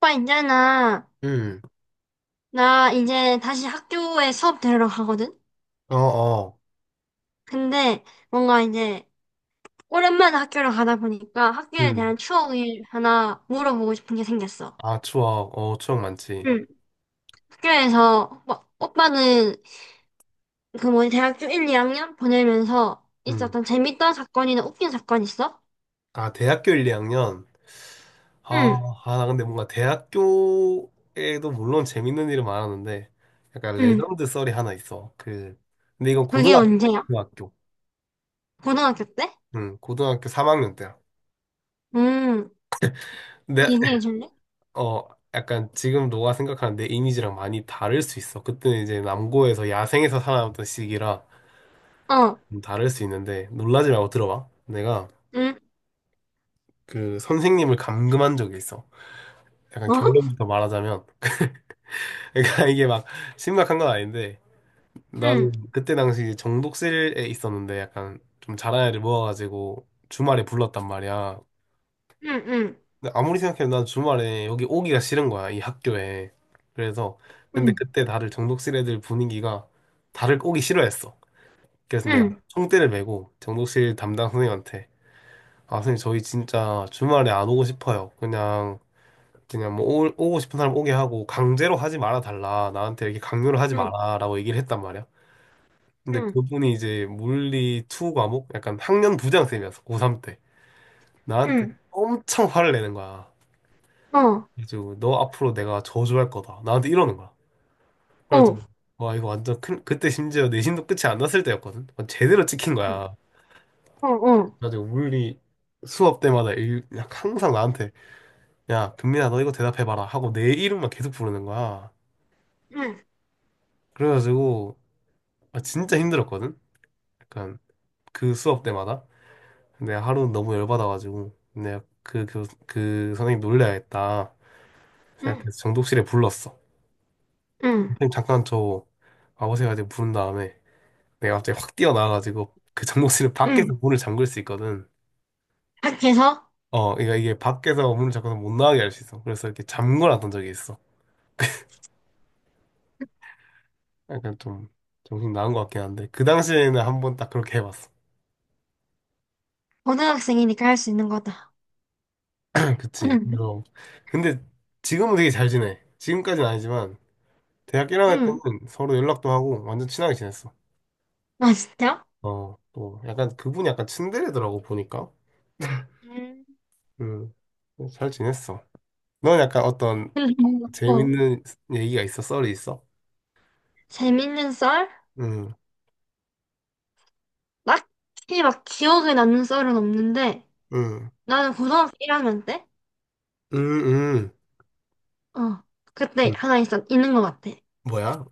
오빠 있잖아. 음. 나 이제 다시 학교에 수업 들으러 가거든? 어, 어. 근데 뭔가 이제 오랜만에 학교를 가다 보니까 학교에 음. 대한 추억이 하나 물어보고 싶은 게 생겼어. 아, 추억, 추억 많지. 응. 학교에서 뭐, 오빠는 그 뭐지 대학교 1, 2학년 보내면서 음. 있었던 재밌던 사건이나 웃긴 사건 있어? 아, 대학교 1, 2학년. 아, 응. 아, 나 근데 뭔가 대학교에도 물론 재밌는 일은 많았는데, 약간 응. 레전드 썰이 하나 있어. 근데 이건 그게 고등학교, 언제야? 고등학교, 고등학교 때? 고등학교 3학년 때야. 응. 내, 얘기해 줄래? 어, 약간 지금 너가 생각하는 내 이미지랑 많이 다를 수 있어. 그때는 이제 남고에서 야생에서 살아남던 시기라 어. 좀 다를 수 있는데, 놀라지 말고 들어봐. 내가 응. 그 선생님을 감금한 적이 있어. 약간 어? 결론부터 말하자면 그러니까 이게 막 심각한 건 아닌데 응. 나는 그때 당시 정독실에 있었는데 약간 좀 잘한 애를 모아가지고 주말에 불렀단 말이야. 응. 응. 근데 아무리 생각해도 난 주말에 여기 오기가 싫은 거야 이 학교에. 그래서 근데 응. 그때 다들 정독실 애들 분위기가 다들 오기 싫어했어. 그래서 내가 응. 총대를 메고 정독실 담당 선생님한테 아 선생님 저희 진짜 주말에 안 오고 싶어요. 그냥 오고 싶은 사람 오게 하고 강제로 하지 말아 달라 나한테 이렇게 강요를 하지 응. 마라라고 얘기를 했단 말이야. 근데 응. 그분이 이제 물리 2 과목 약간 학년 부장쌤이었어 고3 때 나한테 응. 엄청 화를 내는 거야. 어, 어, 그래가지고 너 앞으로 내가 저주할 거다 나한테 이러는 거야. 어, 그래가지고 와 이거 완전 큰 그때 심지어 내신도 끝이 안 났을 때였거든. 완전 제대로 찍힌 거야. 어, 그래가지고 물리 수업 때마다 그냥 항상 나한테 야 금민아 너 이거 대답해봐라 하고 내 이름만 계속 부르는 거야. 응, 그래가지고 아, 진짜 힘들었거든? 약간 그 수업 때마다. 근데 하루 너무 열받아가지고 내가 그 선생님 놀려야겠다 응, 생각해서 정독실에 불렀어. 응, 선생님 잠깐 저 와보세요 이제 부른 다음에 내가 갑자기 확 뛰어나와가지고 그 정독실 응. 밖에서 문을 잠글 수 있거든. 학교에서 그러니까 이게 밖에서 문을 잠궈서 못 나가게 할 수 있어. 그래서 이렇게 잠궈놨던 적이 있어. 약간 좀 정신 나간 것 같긴 한데 그 당시에는 한번 딱 그렇게 해봤어. 고등학생이니까 할 수 있는 거다. 그치. 응, 그래서 근데 지금은 되게 잘 지내. 지금까지는 아니지만 대학 1학년 응. 때는 서로 연락도 하고 완전 친하게 지냈어. 아, 진짜? 또 약간 그분이 약간 츤데레더라고 보니까. 음. 음. 잘 지냈어. 넌 약간 어떤 어, 재밌는 얘기가 있어? 썰이 있어? 재밌는 썰? 음. 딱히 막 기억에 남는 썰은 없는데, 음. 나는 고등학교 1학년 때? 음. 음. 어, 그때 음. 하나 있어, 있는 것 같아. 뭐야?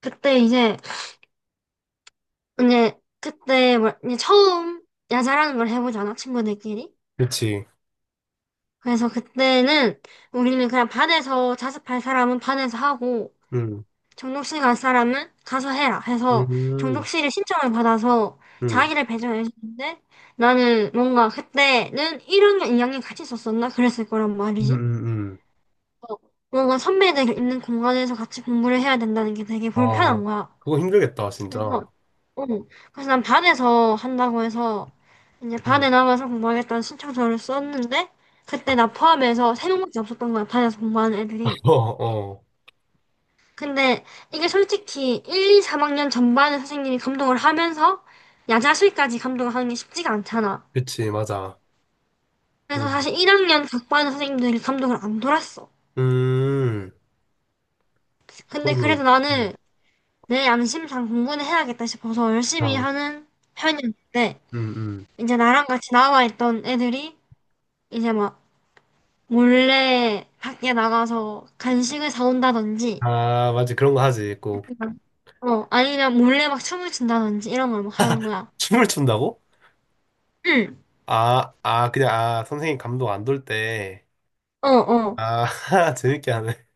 그때 이제, 이제, 그때 뭐, 이제 처음 야자라는 걸 해보잖아, 친구들끼리. 그치. 그래서 그때는 우리는 그냥 반에서 자습할 사람은 반에서 하고 음. 정독실 갈 사람은 가서 해라 음. 해서 음. 정독실에 신청을 받아서 음. 자기를 배정해 주는데 나는 뭔가 그때는 1학년, 2학년 같이 있었었나? 그랬을 거란 음. 말이지. 음. 음. 어, 뭔가 선배들 있는 공간에서 같이 공부를 해야 된다는 게 되게 아, 불편한 거야. 그거 힘들겠다, 진짜. 그래서, 응. 그래서 난 반에서 한다고 해서 이제 응. 반에 나가서 공부하겠다는 신청서를 썼는데 그때 나 포함해서 세 명밖에 없었던 거야 반에서 공부하는 애들이. 어, 어. 근데 이게 솔직히 1, 2, 3학년 전반의 선생님이 감독을 하면서 야자수까지 감독을 하는 게 쉽지가 않잖아. 그치, 맞아. 그래서 음. 사실 1학년 각 반 선생님들이 감독을 안 돌았어. 음. 근데 그러면, 그래도 음, 나는 내 양심상 공부는 해야겠다 싶어서 열심히 아, 하는 편이었는데 음, 음. 이제 나랑 같이 나와 있던 애들이 이제 막 몰래 밖에 나가서 간식을 사온다든지, 아, 맞지. 그런 거 하지. 꼭. 그냥, 어, 아니면 몰래 막 춤을 춘다든지 이런 걸 막 하는 거야. 춤을 춘다고? 응, 아, 아, 그냥, 아, 선생님 감독 안돌 때. 어, 어, 아, 재밌게 하네.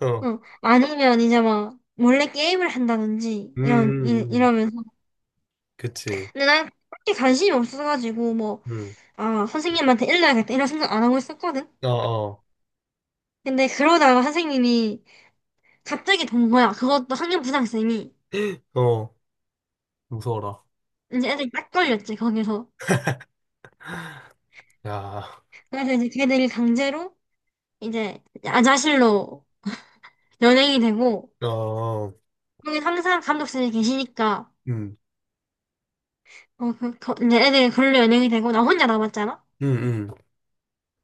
어. 어. 아니면 이제 막 몰래 게임을 한다든지 음. 이런 음. 음. 이러면서. 그치. 근데 난 그렇게 관심이 없어가지고 뭐, 음. 아, 선생님한테 일러야겠다 이런 생각 안 하고 있었거든. 어, 어. 근데 그러다가 선생님이 갑자기 본 거야. 그것도 학년부장쌤이 어, 무서워라. 이제 애들이 딱 걸렸지 거기서. 야, 그래서 이제 걔들이 강제로 이제 야자실로 연예인이 되고, 어, 여기 항상 감독선생님이 계시니까, 음, 어, 이제 애들이 그걸로 연예인이 되고, 나 혼자 남았잖아? 음, 음,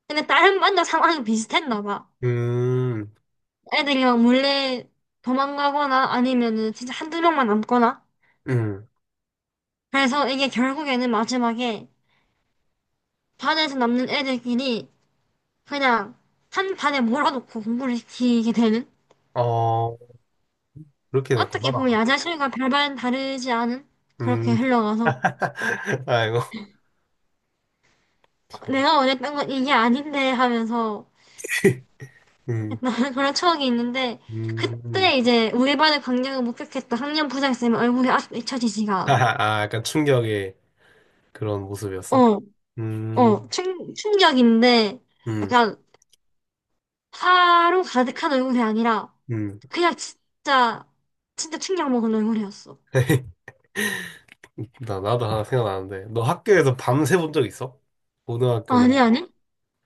근데 다른 반도 상황이 비슷했나 봐. 음, 애들이 막 몰래 도망가거나 아니면은 진짜 한두 명만 남거나. 음. 그래서 이게 결국에는 마지막에 반에서 남는 애들끼리 그냥 한 반에 몰아놓고 공부를 시키게 되는? 어, 그렇게 됐구나. 어떻게 보면 야자실과 별반 다르지 않은? 그렇게 음. 흘러가서 아이고. 참. 내가 원했던 건 이게 아닌데 하면서 음. 나는 그런 추억이 있는데 음. 그때 이제 우리 반의 광경을 목격했던 학년 부장쌤 의 얼굴이 아직도 잊혀지지가 아, 않아. 아, 약간 충격의 그런 모습이었어? 어, 어, 음. 충격인데 음. 약간 화로 가득한 얼굴이 아니라 음. 그냥 진짜 진짜 충격 먹은 얼굴이었어. 나도 하나 생각나는데. 너 학교에서 밤새 본 적 있어? 고등학교나. 아니 아니?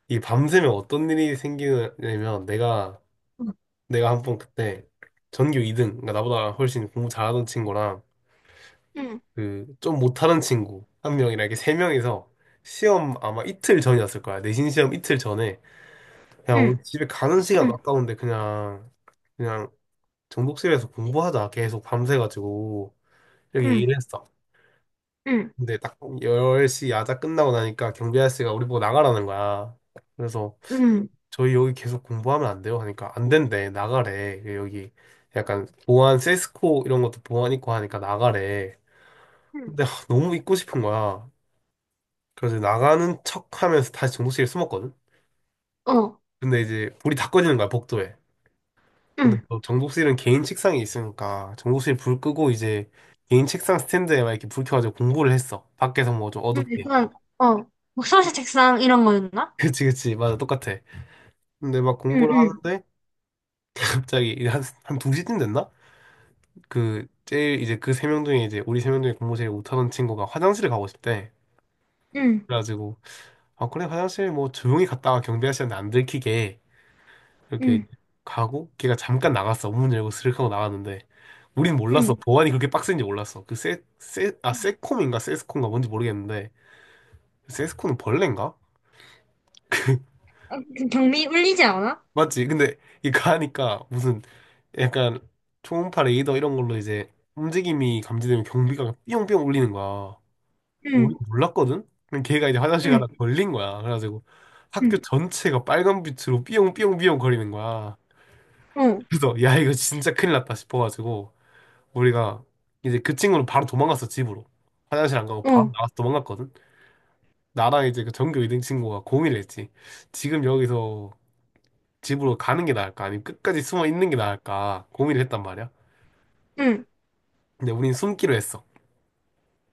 이 밤새면 어떤 일이 생기냐면, 응, 내가 한 번 그때 전교 2등, 그러니까 나보다 훨씬 공부 잘하던 친구랑, 응, 그, 좀 못하는 친구, 한 명이랑 이렇게 세 명이서 시험 아마 이틀 전이었을 거야. 내신 시험 이틀 전에. 그냥 응, 우리 집에 가는 시간 아까운데 그냥 정독실에서 공부하자. 계속 밤새가지고. 이렇게 응, 얘기를 했어. 응, 근데 딱 10시 야자 끝나고 나니까 경비 아저씨가 우리 보고 나가라는 거야. 그래서 응, 저희 여기 계속 공부하면 안 돼요? 하니까 안 된대. 나가래. 그 여기 약간 보안 세스코 이런 것도 보안 있고 하니까 나가래. 응, 근데 하, 너무 있고 싶은 거야. 그래서 나가는 척 하면서 다시 정독실에 숨었거든. 어, 근데 이제 불이 다 꺼지는 거야, 복도에. 근데 응, 또 정독실은 개인 책상이 있으니까 정독실 불 끄고 이제 개인 책상 스탠드에 막 이렇게 불 켜가지고 공부를 했어. 밖에서 뭐 좀 응, 어둡게. 약간 어, 목소리 책상 이런 거였나? 그치, 그치. 맞아. 똑같아. 근데 막 응, 공부를 응, 하는데 갑자기 이제 한 2시쯤 됐나? 그 제일 이제 그 세 명 중에 이제 우리 세 명 중에 공부 제일 못하던 친구가 화장실을 가고 싶대. 응, 그래가지고 아 그래 화장실 뭐 조용히 갔다가 경비 아저씨한테 안 들키게 이렇게 응, 가고 걔가 잠깐 나갔어. 문 열고 스르륵 하고 나갔는데 우린 몰랐어. 응. 보안이 그렇게 빡센지 몰랐어. 그 세, 세, 아 세콤인가 세스콤인가 뭔지 모르겠는데 세스콤은 벌레인가? 아, 그 경미 울리지 않아? 맞지? 근데 이거 하니까 무슨 약간 초음파 레이더 이런 걸로 이제 움직임이 감지되면 경비가 삐용삐용 울리는 거야. 우리 응, 몰랐거든? 근데 걔가 이제 화장실 응, 가다 걸린 거야. 그래가지고 학교 응, 전체가 빨간 빛으로 삐용삐용삐용 거리는 거야. 어, 그래서 야 이거 진짜 큰일 났다 싶어가지고 우리가 이제 그 친구는 바로 도망갔어 집으로. 화장실 안 가고 바로 어, 나가서 도망갔거든. 나랑 이제 그 전교 2등 친구가 공의를 했지. 지금 여기서 집으로 가는 게 나을까? 아니면 끝까지 숨어 있는 게 나을까? 고민을 했단 말이야. 응, 근데 우린 숨기로 했어.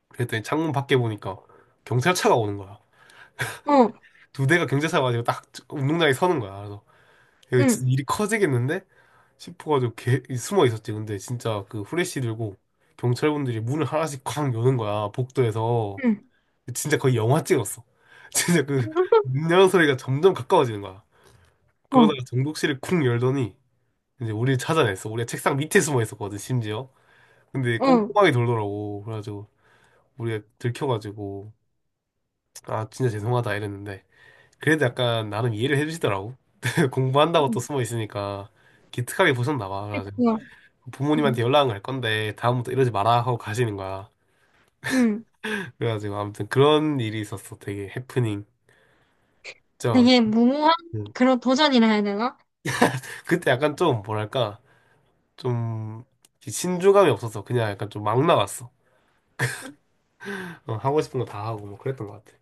그랬더니 창문 밖에 보니까 경찰차가 오는 거야. 어, 두 대가 경찰차 가지고 딱 운동장에 서는 거야. 그래서 이거 진짜 응, 일이 커지겠는데? 싶어가지고 숨어 있었지. 근데 진짜 그 후레쉬 들고 경찰분들이 문을 하나씩 쾅 여는 거야. 복도에서. 응, 진짜 거의 영화 찍었어. 진짜 그 문 여는 소리가 점점 가까워지는 거야. 어, 그러다가 정독실을 쿵 열더니 이제 우리를 찾아냈어. 우리가 책상 밑에 숨어 있었거든, 심지어. 근데 어, 꼼꼼하게 돌더라고. 그래가지고 우리가 들켜가지고 아 진짜 죄송하다 이랬는데 그래도 약간 나름 이해를 해주시더라고. 공부한다고 응, 또 숨어 있으니까 기특하게 보셨나 봐. 그래가지고 좋아. 응, 부모님한테 연락을 할 건데 다음부터 이러지 마라 하고 가시는 거야. 응. 그래가지고 아무튼 그런 일이 있었어. 되게 해프닝. 저 되게 무모한 음. 그런 도전이라 해야 되나? 그때 약간 좀 뭐랄까 좀 신중함이 없어서 그냥 약간 좀 막 나갔어. 하고 싶은 거 다 하고 뭐 그랬던 것 같아.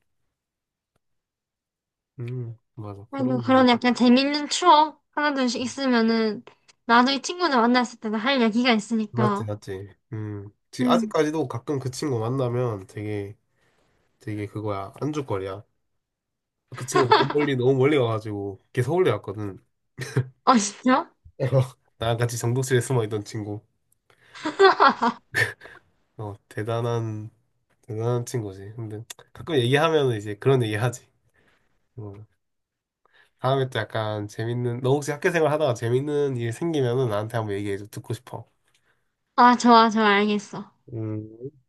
맞아 그래도 그런 일. 그런 약간 재밌는 추억 하나둘씩 있으면은 나중에 친구들 만났을 때도 할 얘기가 맞지, 있으니까. 맞지. 음. 응. 아직까지도 가끔 그 친구 만나면 되게 그거야. 안주거리야. 그 친구 너무 멀리, 너무 멀리 와가지고 걔 서울대 왔거든. 아, 진짜? 나랑 같이 정독실에 숨어 있던 친구. 어, 대단한, 대단한 친구지. 근데 가끔 얘기하면 이제 그런 얘기 하지. 어, 다음에 또 약간 너 혹시 학교 생활 하다가 재밌는 일 생기면은 나한테 한번 얘기해줘. 듣고 싶어. 아, 좋아, 좋아, 알겠어. 음.